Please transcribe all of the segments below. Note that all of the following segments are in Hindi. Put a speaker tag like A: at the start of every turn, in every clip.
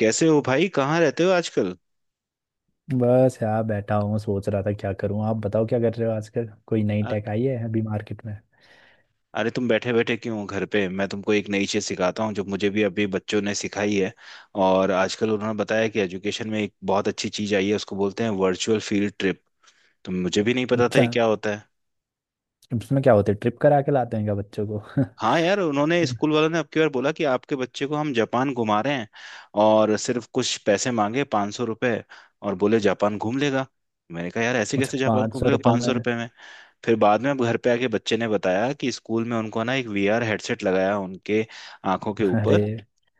A: कैसे हो भाई? कहाँ रहते हो आजकल?
B: बस यार बैठा हूँ सोच रहा था क्या करूँ। आप बताओ क्या कर रहे हो आजकल? कोई नई टेक
A: अ-
B: आई है अभी मार्केट में?
A: अरे तुम बैठे बैठे क्यों हो घर पे? मैं तुमको एक नई चीज सिखाता हूँ जो मुझे भी अभी बच्चों ने सिखाई है। और आजकल उन्होंने बताया कि एजुकेशन में एक बहुत अच्छी चीज आई है, उसको बोलते हैं वर्चुअल फील्ड ट्रिप। तो मुझे भी नहीं पता था
B: अच्छा,
A: ये क्या होता है।
B: इसमें क्या होते है ट्रिप करा के लाते हैं क्या बच्चों को?
A: हाँ यार, उन्होंने स्कूल वालों ने अब की बार बोला कि आपके बच्चे को हम जापान घुमा रहे हैं। और सिर्फ कुछ पैसे मांगे, ₹500। और बोले जापान घूम लेगा। मैंने कहा यार, ऐसे
B: अच्छा,
A: कैसे जापान
B: पाँच
A: घूम
B: सौ
A: लेगा
B: रुपये
A: पाँच
B: में?
A: सौ रुपये में? फिर बाद में अब घर पे आके बच्चे ने बताया कि स्कूल में उनको ना एक VR हेडसेट लगाया उनके आंखों के ऊपर।
B: अरे।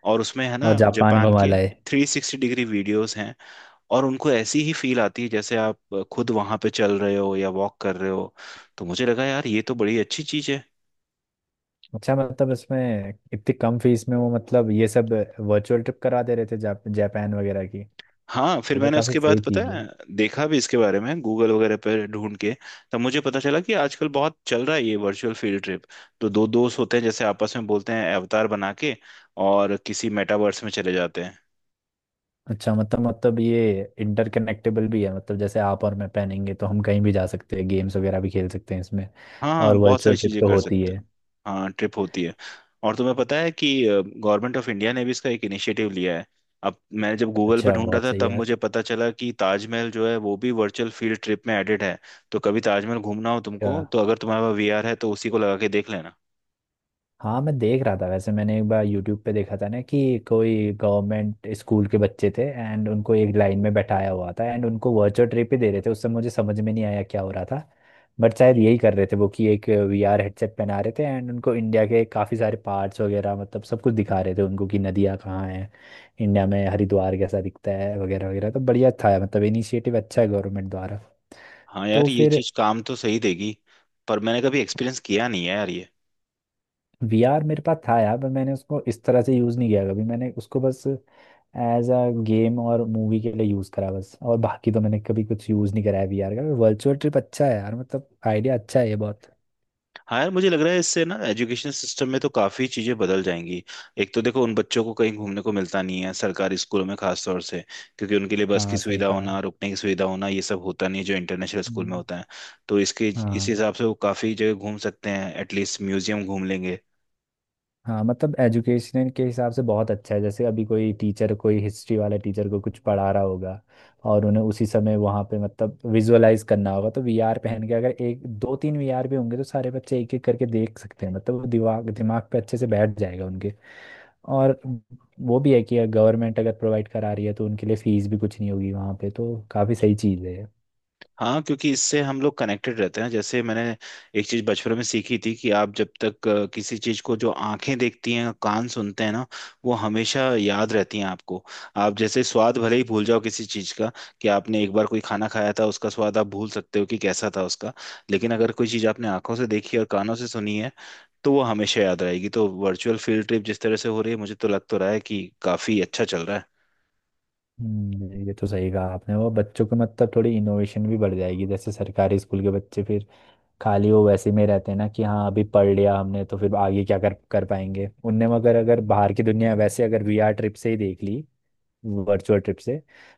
A: और उसमें है
B: और
A: ना,
B: जापान
A: जापान
B: घुमा
A: के
B: लाए?
A: 360 डिग्री वीडियोस हैं। और उनको ऐसी ही फील आती है जैसे आप खुद वहां पे चल रहे हो या वॉक कर रहे हो। तो मुझे लगा यार, ये तो बड़ी अच्छी चीज है।
B: अच्छा, मतलब इसमें इतनी कम फीस में वो मतलब ये सब वर्चुअल ट्रिप करा दे रहे थे जापान वगैरह की। ये
A: हाँ, फिर
B: तो
A: मैंने
B: काफ़ी
A: उसके बाद,
B: सही
A: पता
B: चीज़
A: है,
B: है।
A: देखा भी इसके बारे में गूगल वगैरह पर ढूंढ के। तब मुझे पता चला कि आजकल बहुत चल रहा है ये वर्चुअल फील्ड ट्रिप। तो दो दोस्त होते हैं, जैसे आपस में बोलते हैं अवतार बना के और किसी मेटावर्स में चले जाते हैं।
B: अच्छा, मतलब ये इंटरकनेक्टेबल भी है, मतलब जैसे आप और मैं पहनेंगे तो हम कहीं भी जा सकते हैं, गेम्स वगैरह भी खेल सकते हैं इसमें?
A: हाँ
B: और
A: हाँ, बहुत सारी
B: वर्चुअल ट्रिप
A: चीजें
B: तो
A: कर
B: होती
A: सकते हो।
B: है।
A: हाँ, ट्रिप होती है। और तुम्हें पता है कि गवर्नमेंट ऑफ इंडिया ने भी इसका एक इनिशिएटिव लिया है। अब मैं जब गूगल पे
B: अच्छा,
A: ढूंढ रहा
B: बहुत
A: था
B: सही
A: तब
B: यार।
A: मुझे पता चला कि ताजमहल जो है वो भी वर्चुअल फील्ड ट्रिप में एडेड है। तो कभी ताजमहल घूमना हो
B: अ,
A: तुमको, तो अगर तुम्हारे पास VR है तो उसी को लगा के देख लेना।
B: हाँ, मैं देख रहा था। वैसे मैंने एक बार यूट्यूब पे देखा था ना कि कोई गवर्नमेंट स्कूल के बच्चे थे एंड उनको एक लाइन में बैठाया हुआ था एंड उनको वर्चुअल ट्रिप ही दे रहे थे। उस समय मुझे समझ में नहीं आया क्या हो रहा था, बट शायद यही कर रहे थे वो कि एक वीआर हेडसेट पहना रहे थे एंड उनको इंडिया के काफ़ी सारे पार्ट्स वगैरह मतलब सब कुछ दिखा रहे थे उनको कि नदियाँ कहाँ हैं, इंडिया में हरिद्वार कैसा दिखता है वगैरह वगैरह। तो बढ़िया था, मतलब इनिशिएटिव अच्छा है गवर्नमेंट द्वारा।
A: हाँ यार,
B: तो
A: ये
B: फिर
A: चीज काम तो सही देगी। पर मैंने कभी एक्सपीरियंस किया नहीं है यार ये।
B: वीआर मेरे पास था यार, पर मैंने उसको इस तरह से यूज़ नहीं किया कभी। मैंने उसको बस एज अ गेम और मूवी के लिए यूज़ करा बस, और बाकी तो मैंने कभी कुछ यूज़ नहीं कराया वीआर का। वर्चुअल ट्रिप अच्छा है यार, मतलब आइडिया अच्छा है ये बहुत।
A: हाँ यार, मुझे लग रहा है इससे ना एजुकेशन सिस्टम में तो काफ़ी चीज़ें बदल जाएंगी। एक तो देखो, उन बच्चों को कहीं घूमने को मिलता नहीं है सरकारी स्कूलों में खास तौर से। क्योंकि उनके लिए बस की
B: हाँ सही
A: सुविधा
B: कहा।
A: होना, रुकने की सुविधा होना, ये सब होता नहीं है जो इंटरनेशनल स्कूल में
B: हम्म।
A: होता है। तो इसके इस
B: हाँ।
A: हिसाब से वो काफ़ी जगह घूम सकते हैं, एटलीस्ट म्यूजियम घूम लेंगे।
B: हाँ, मतलब एजुकेशन के हिसाब से बहुत अच्छा है। जैसे अभी कोई टीचर कोई हिस्ट्री वाला टीचर को कुछ पढ़ा रहा होगा, और उन्हें उसी समय वहाँ पे मतलब विजुअलाइज करना होगा तो वीआर पहन के अगर एक दो तीन वीआर भी होंगे तो सारे बच्चे एक एक करके देख सकते हैं। मतलब वो दिमाग दिमाग पे अच्छे से बैठ जाएगा उनके। और वो भी है कि गवर्नमेंट अगर प्रोवाइड करा रही है तो उनके लिए फीस भी कुछ नहीं होगी वहाँ पे, तो काफ़ी सही चीज़ है।
A: हाँ, क्योंकि इससे हम लोग कनेक्टेड रहते हैं। जैसे मैंने एक चीज बचपन में सीखी थी कि आप जब तक किसी चीज को जो आंखें देखती हैं, कान सुनते हैं ना, वो हमेशा याद रहती हैं आपको। आप जैसे स्वाद भले ही भूल जाओ किसी चीज का, कि आपने एक बार कोई खाना खाया था, उसका स्वाद आप भूल सकते हो कि कैसा था उसका। लेकिन अगर कोई चीज आपने आंखों से देखी और कानों से सुनी है, तो वो हमेशा याद रहेगी। तो वर्चुअल फील्ड ट्रिप जिस तरह से हो रही है, मुझे तो लग तो रहा है कि काफी अच्छा चल रहा है।
B: ये तो सही कहा आपने। वो बच्चों को मतलब थोड़ी इनोवेशन भी बढ़ जाएगी। जैसे सरकारी स्कूल के बच्चे फिर खाली वो वैसे में रहते हैं ना कि हाँ अभी पढ़ लिया हमने तो फिर आगे क्या कर कर पाएंगे उनने, मगर अगर बाहर की दुनिया वैसे अगर वीआर ट्रिप से ही देख ली, वर्चुअल ट्रिप से,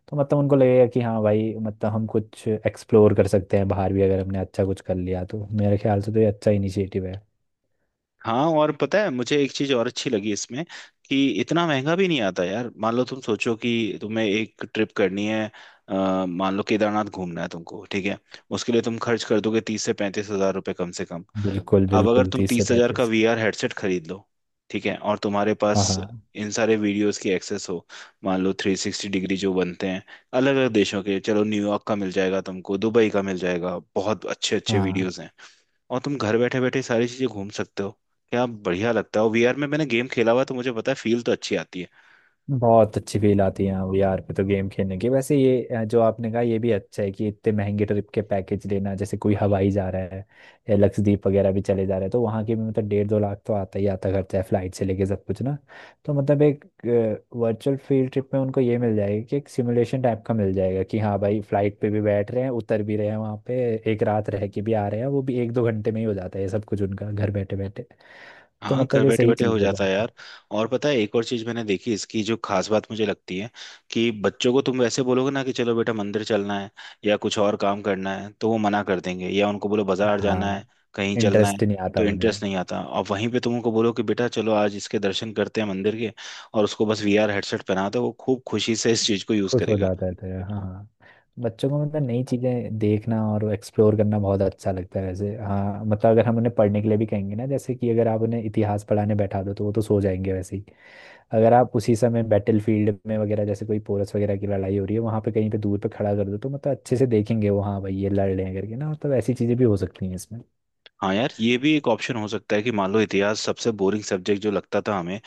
B: तो मतलब उनको लगेगा कि हाँ भाई मतलब हम कुछ एक्सप्लोर कर सकते हैं बाहर भी। अगर हमने अच्छा कुछ कर लिया तो मेरे ख्याल से तो ये अच्छा इनिशिएटिव है।
A: हाँ, और पता है मुझे एक चीज और अच्छी लगी इसमें, कि इतना महंगा भी नहीं आता यार। मान लो तुम सोचो कि तुम्हें एक ट्रिप करनी है। मान लो केदारनाथ घूमना है तुमको, ठीक है? उसके लिए तुम खर्च कर दोगे 30 से 35 हज़ार रुपये कम से कम।
B: बिल्कुल
A: अब अगर
B: बिल्कुल,
A: तुम
B: तीस से
A: 30 हज़ार का
B: पैंतीस
A: VR हेडसेट खरीद लो, ठीक है, और तुम्हारे
B: हाँ
A: पास
B: हाँ।
A: इन सारे वीडियोस की एक्सेस हो। मान लो 360 डिग्री जो बनते हैं अलग अलग देशों के, चलो न्यूयॉर्क का मिल जाएगा तुमको, दुबई का मिल जाएगा, बहुत अच्छे अच्छे
B: हाँ,
A: वीडियोस हैं। और तुम घर बैठे बैठे सारी चीजें घूम सकते हो। क्या बढ़िया लगता है। और VR में मैंने गेम खेला हुआ है, तो मुझे पता है फील तो अच्छी आती है।
B: बहुत अच्छी फील आती है हाँ। वीआर पे तो गेम खेलने की। वैसे ये जो आपने कहा ये भी अच्छा है कि इतने महंगे ट्रिप के पैकेज लेना, जैसे कोई हवाई जा रहा है या लक्षद्वीप वगैरह भी चले जा रहे हैं तो वहाँ के भी मतलब डेढ़ दो लाख तो आता ही आता खर्चा है, फ्लाइट से लेके सब कुछ ना। तो मतलब एक वर्चुअल फील्ड ट्रिप में उनको ये मिल जाएगा कि एक सिमुलेशन टाइप का मिल जाएगा कि हाँ भाई फ्लाइट पे भी बैठ रहे हैं उतर भी रहे हैं वहाँ पे, एक रात रह के भी आ रहे हैं, वो भी एक दो घंटे में ही हो जाता है ये सब कुछ उनका, घर बैठे बैठे। तो
A: हाँ, घर
B: मतलब ये
A: बैठे
B: सही
A: बैठे हो
B: चीज़ है
A: जाता है
B: बहुत।
A: यार। और पता है, एक और चीज मैंने देखी इसकी जो खास बात मुझे लगती है, कि बच्चों को तुम वैसे बोलोगे ना कि चलो बेटा मंदिर चलना है या कुछ और काम करना है, तो वो मना कर देंगे। या उनको बोलो बाजार
B: हाँ।
A: जाना है, कहीं
B: अरे,
A: चलना है,
B: इंटरेस्ट नहीं आता
A: तो इंटरेस्ट
B: उन्हें।
A: नहीं आता। और वहीं पे तुम उनको बोलो कि बेटा चलो आज इसके दर्शन करते हैं मंदिर के, और उसको बस वीआर हेडसेट पहना दो, वो खूब खुशी से इस चीज को यूज
B: खुश हो
A: करेगा।
B: जाते थे हाँ हाँ। बच्चों को मतलब नई चीज़ें देखना और एक्सप्लोर करना बहुत अच्छा लगता है वैसे। हाँ, मतलब अगर हम उन्हें पढ़ने के लिए भी कहेंगे ना, जैसे कि अगर आप उन्हें इतिहास पढ़ाने बैठा दो तो वो तो सो जाएंगे वैसे ही। अगर आप उसी समय बैटल फील्ड में वगैरह जैसे कोई पोरस वगैरह की लड़ाई हो रही है वहाँ पे कहीं पे दूर पे खड़ा कर दो तो मतलब अच्छे से देखेंगे वो, हाँ भाई ये लड़ रहे हैं करके ना। मतलब ऐसी चीज़ें भी हो सकती हैं इसमें।
A: हाँ यार, ये भी एक ऑप्शन हो सकता है कि मान लो इतिहास सबसे बोरिंग सब्जेक्ट जो लगता था हमें,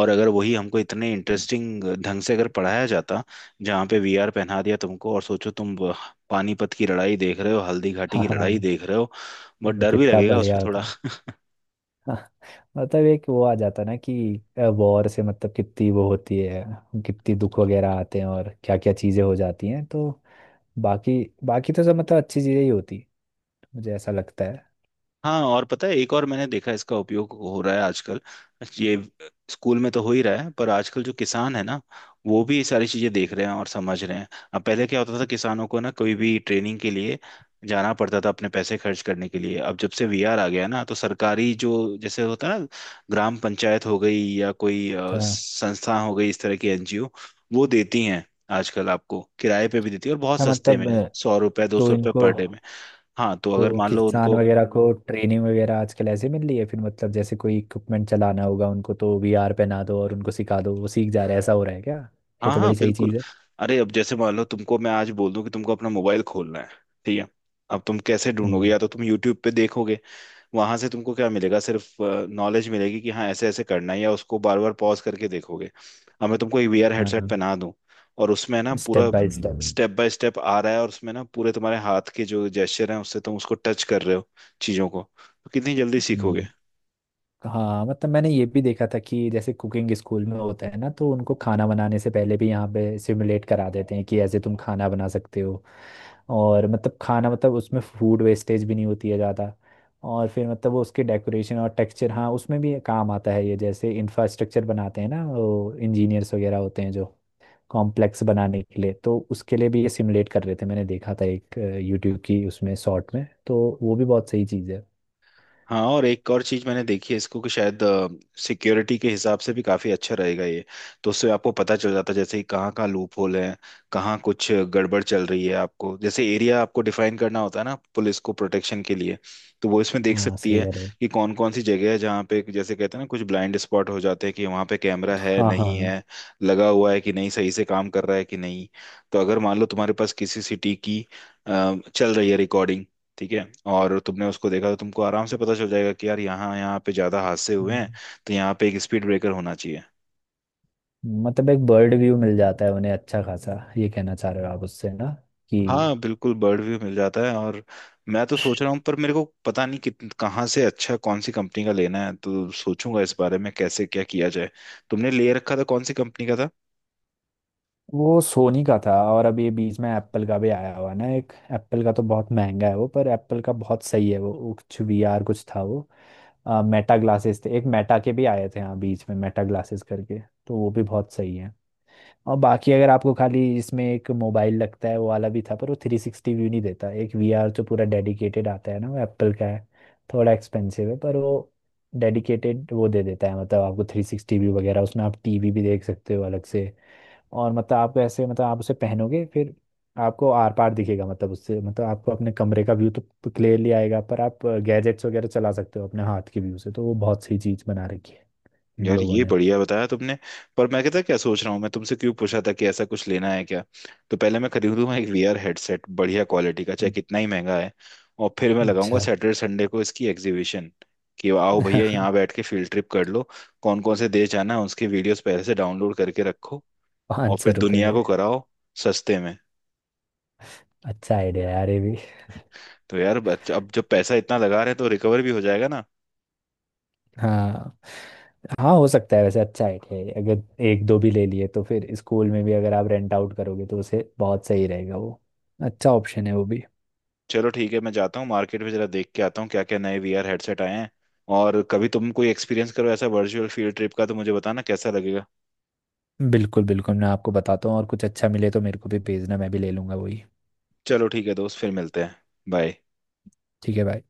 A: और अगर वही हमको इतने इंटरेस्टिंग ढंग से अगर पढ़ाया जाता, जहाँ पे VR पहना दिया तुमको और सोचो तुम पानीपत की लड़ाई देख रहे हो, हल्दी घाटी
B: हाँ
A: की लड़ाई
B: हाँ,
A: देख रहे हो। बहुत
B: वो
A: डर भी
B: कितना
A: लगेगा
B: बढ़िया
A: उसमें थोड़ा।
B: होता। हाँ, मतलब एक वो आ जाता है ना कि वॉर से मतलब कितनी वो होती है, कितनी दुख वगैरह आते हैं और क्या क्या चीजें हो जाती हैं। तो बाकी बाकी तो सब मतलब अच्छी चीजें ही होती हैं, मुझे ऐसा लगता है।
A: हाँ, और पता है, एक और मैंने देखा इसका उपयोग हो रहा है आजकल। ये स्कूल में तो हो ही रहा है, पर आजकल जो किसान है ना, वो भी ये सारी चीजें देख रहे हैं और समझ रहे हैं। अब पहले क्या होता था, किसानों को ना कोई भी ट्रेनिंग के लिए जाना पड़ता था अपने पैसे खर्च करने के लिए। अब जब से VR आ गया ना, तो सरकारी जो जैसे होता है ना, ग्राम पंचायत हो गई, या कोई
B: अच्छा।
A: संस्था हो गई इस तरह की, NGO, वो देती हैं। आजकल आपको किराए पे भी देती है और बहुत
B: अच्छा,
A: सस्ते में,
B: मतलब
A: 100 रुपए दो
B: तो
A: सौ रुपये
B: इनको,
A: पर डे में। हाँ, तो अगर
B: तो
A: मान लो
B: किसान
A: उनको।
B: वगैरह को ट्रेनिंग वगैरह आजकल ऐसे मिल रही है फिर? मतलब जैसे कोई इक्विपमेंट चलाना होगा उनको तो वीआर पहना दो और उनको सिखा दो वो सीख जा रहे हैं, ऐसा हो रहा है क्या? ये
A: हाँ
B: तो
A: हाँ,
B: बड़ी सही
A: बिल्कुल।
B: चीज है।
A: अरे अब जैसे मान लो तुमको मैं आज बोल दूं कि तुमको अपना मोबाइल खोलना है, ठीक है। अब तुम कैसे ढूंढोगे?
B: हम्म।
A: या तो तुम यूट्यूब पे देखोगे। वहां से तुमको क्या मिलेगा? सिर्फ नॉलेज मिलेगी कि हाँ ऐसे ऐसे करना है, या उसको बार बार पॉज करके देखोगे। अब मैं तुमको एक VR
B: हाँ
A: हेडसेट
B: हाँ,
A: पहना दूं, और उसमें ना
B: स्टेप
A: पूरा
B: by step.
A: Step by step आ रहा है, और उसमें ना पूरे तुम्हारे हाथ के जो जेस्चर हैं, उससे तुम उसको टच कर रहे हो चीजों को, तो कितनी जल्दी सीखोगे।
B: हाँ, मतलब मैंने ये भी देखा था कि जैसे कुकिंग स्कूल में होता है ना तो उनको खाना बनाने से पहले भी यहाँ पे सिमुलेट करा देते हैं कि ऐसे तुम खाना बना सकते हो, और मतलब खाना मतलब उसमें फूड वेस्टेज भी नहीं होती है ज़्यादा। और फिर मतलब वो उसके डेकोरेशन और टेक्सचर, हाँ उसमें भी काम आता है ये। जैसे इंफ्रास्ट्रक्चर बनाते हैं ना वो इंजीनियर्स वगैरह होते हैं जो कॉम्प्लेक्स बनाने के लिए, तो उसके लिए भी ये सिमुलेट कर रहे थे। मैंने देखा था एक यूट्यूब की उसमें शॉर्ट में, तो वो भी बहुत सही चीज़ है।
A: हाँ, और एक और चीज मैंने देखी है इसको, कि शायद सिक्योरिटी के हिसाब से भी काफी अच्छा रहेगा ये। तो उससे आपको पता चल जाता है, जैसे कि कहाँ कहाँ लूप होल है, कहाँ कुछ गड़बड़ चल रही है आपको। जैसे एरिया आपको डिफाइन करना होता है ना पुलिस को प्रोटेक्शन के लिए, तो वो इसमें देख
B: हाँ
A: सकती
B: सही
A: है
B: कह रहे हो।
A: कि कौन कौन सी जगह है जहाँ पे, जैसे कहते हैं ना, कुछ ब्लाइंड स्पॉट हो जाते हैं, कि वहाँ पे कैमरा है
B: हाँ
A: नहीं
B: हाँ।
A: है, लगा हुआ है कि नहीं, सही से काम कर रहा है कि नहीं। तो अगर मान लो तुम्हारे पास किसी सिटी की चल रही है रिकॉर्डिंग, ठीक है, और तुमने उसको देखा, तो तुमको आराम से पता चल जाएगा कि यार यहाँ यहाँ पे ज्यादा हादसे हुए हैं,
B: हम्म,
A: तो यहाँ पे एक स्पीड ब्रेकर होना चाहिए।
B: मतलब एक बर्ड व्यू मिल जाता है उन्हें अच्छा खासा, ये कहना चाह रहे हो आप उससे ना? कि
A: हाँ बिल्कुल, बर्ड व्यू मिल जाता है। और मैं तो सोच रहा हूँ, पर मेरे को पता नहीं कि कहाँ से अच्छा, कौन सी कंपनी का लेना है, तो सोचूंगा इस बारे में कैसे क्या किया जाए। तुमने ले रखा था, कौन सी कंपनी का था?
B: वो सोनी का था। और अब ये बीच में एप्पल का भी आया हुआ ना, एक एप्पल का तो बहुत महंगा है वो, पर एप्पल का बहुत सही है वो कुछ वीआर कुछ था वो, मेटा ग्लासेस थे एक। मेटा के भी आए थे हाँ बीच में, मेटा ग्लासेस करके, तो वो भी बहुत सही है। और बाकी अगर आपको खाली इसमें एक मोबाइल लगता है वो वाला भी था, पर वो 360 व्यू नहीं देता। एक वीआर जो पूरा डेडिकेटेड आता है ना वो एप्पल का है, थोड़ा एक्सपेंसिव है पर वो डेडिकेटेड वो दे देता है। मतलब आपको 360 व्यू वगैरह उसमें, आप टीवी भी देख सकते हो अलग से। और मतलब आप ऐसे मतलब आप उसे पहनोगे फिर आपको आर पार दिखेगा, मतलब उससे मतलब आपको अपने कमरे का व्यू तो क्लियरली आएगा पर आप गैजेट्स वगैरह चला सकते हो अपने हाथ के व्यू से। तो वो बहुत सही चीज़ बना रखी है इन
A: यार,
B: लोगों
A: ये
B: ने।
A: बढ़िया बताया तुमने। पर मैं कहता क्या सोच रहा हूँ, मैं तुमसे क्यों पूछा था कि ऐसा कुछ लेना है क्या। तो पहले मैं खरीदूंगा एक VR हेडसेट बढ़िया क्वालिटी का, चाहे कितना ही महंगा है। और फिर मैं लगाऊंगा
B: अच्छा।
A: सैटरडे संडे को इसकी एग्जीबिशन, कि आओ भैया यहाँ बैठ के फील्ड ट्रिप कर लो। कौन कौन से देश जाना है, उसके वीडियोस पहले से डाउनलोड करके रखो, और
B: पाँच सौ
A: फिर
B: रुपये
A: दुनिया
B: में।
A: को कराओ सस्ते में।
B: अच्छा आइडिया यार ये भी।
A: तो यार अब जब पैसा इतना लगा रहे हैं तो रिकवर भी हो जाएगा ना।
B: हाँ। हाँ हो सकता है वैसे, अच्छा आइडिया है। अगर एक दो भी ले लिए तो फिर स्कूल में भी अगर आप रेंट आउट करोगे तो उसे बहुत सही रहेगा वो। अच्छा ऑप्शन है वो भी।
A: चलो ठीक है, मैं जाता हूँ मार्केट में जरा देख के आता हूँ क्या क्या नए VR हेडसेट आए हैं। और कभी तुम कोई एक्सपीरियंस करो ऐसा वर्चुअल फील्ड ट्रिप का, तो मुझे बताना कैसा लगेगा।
B: बिल्कुल बिल्कुल, मैं आपको बताता हूँ। और कुछ अच्छा मिले तो मेरे को भी भेजना, मैं भी ले लूंगा वही।
A: चलो ठीक है दोस्त, फिर मिलते हैं। बाय।
B: ठीक है भाई।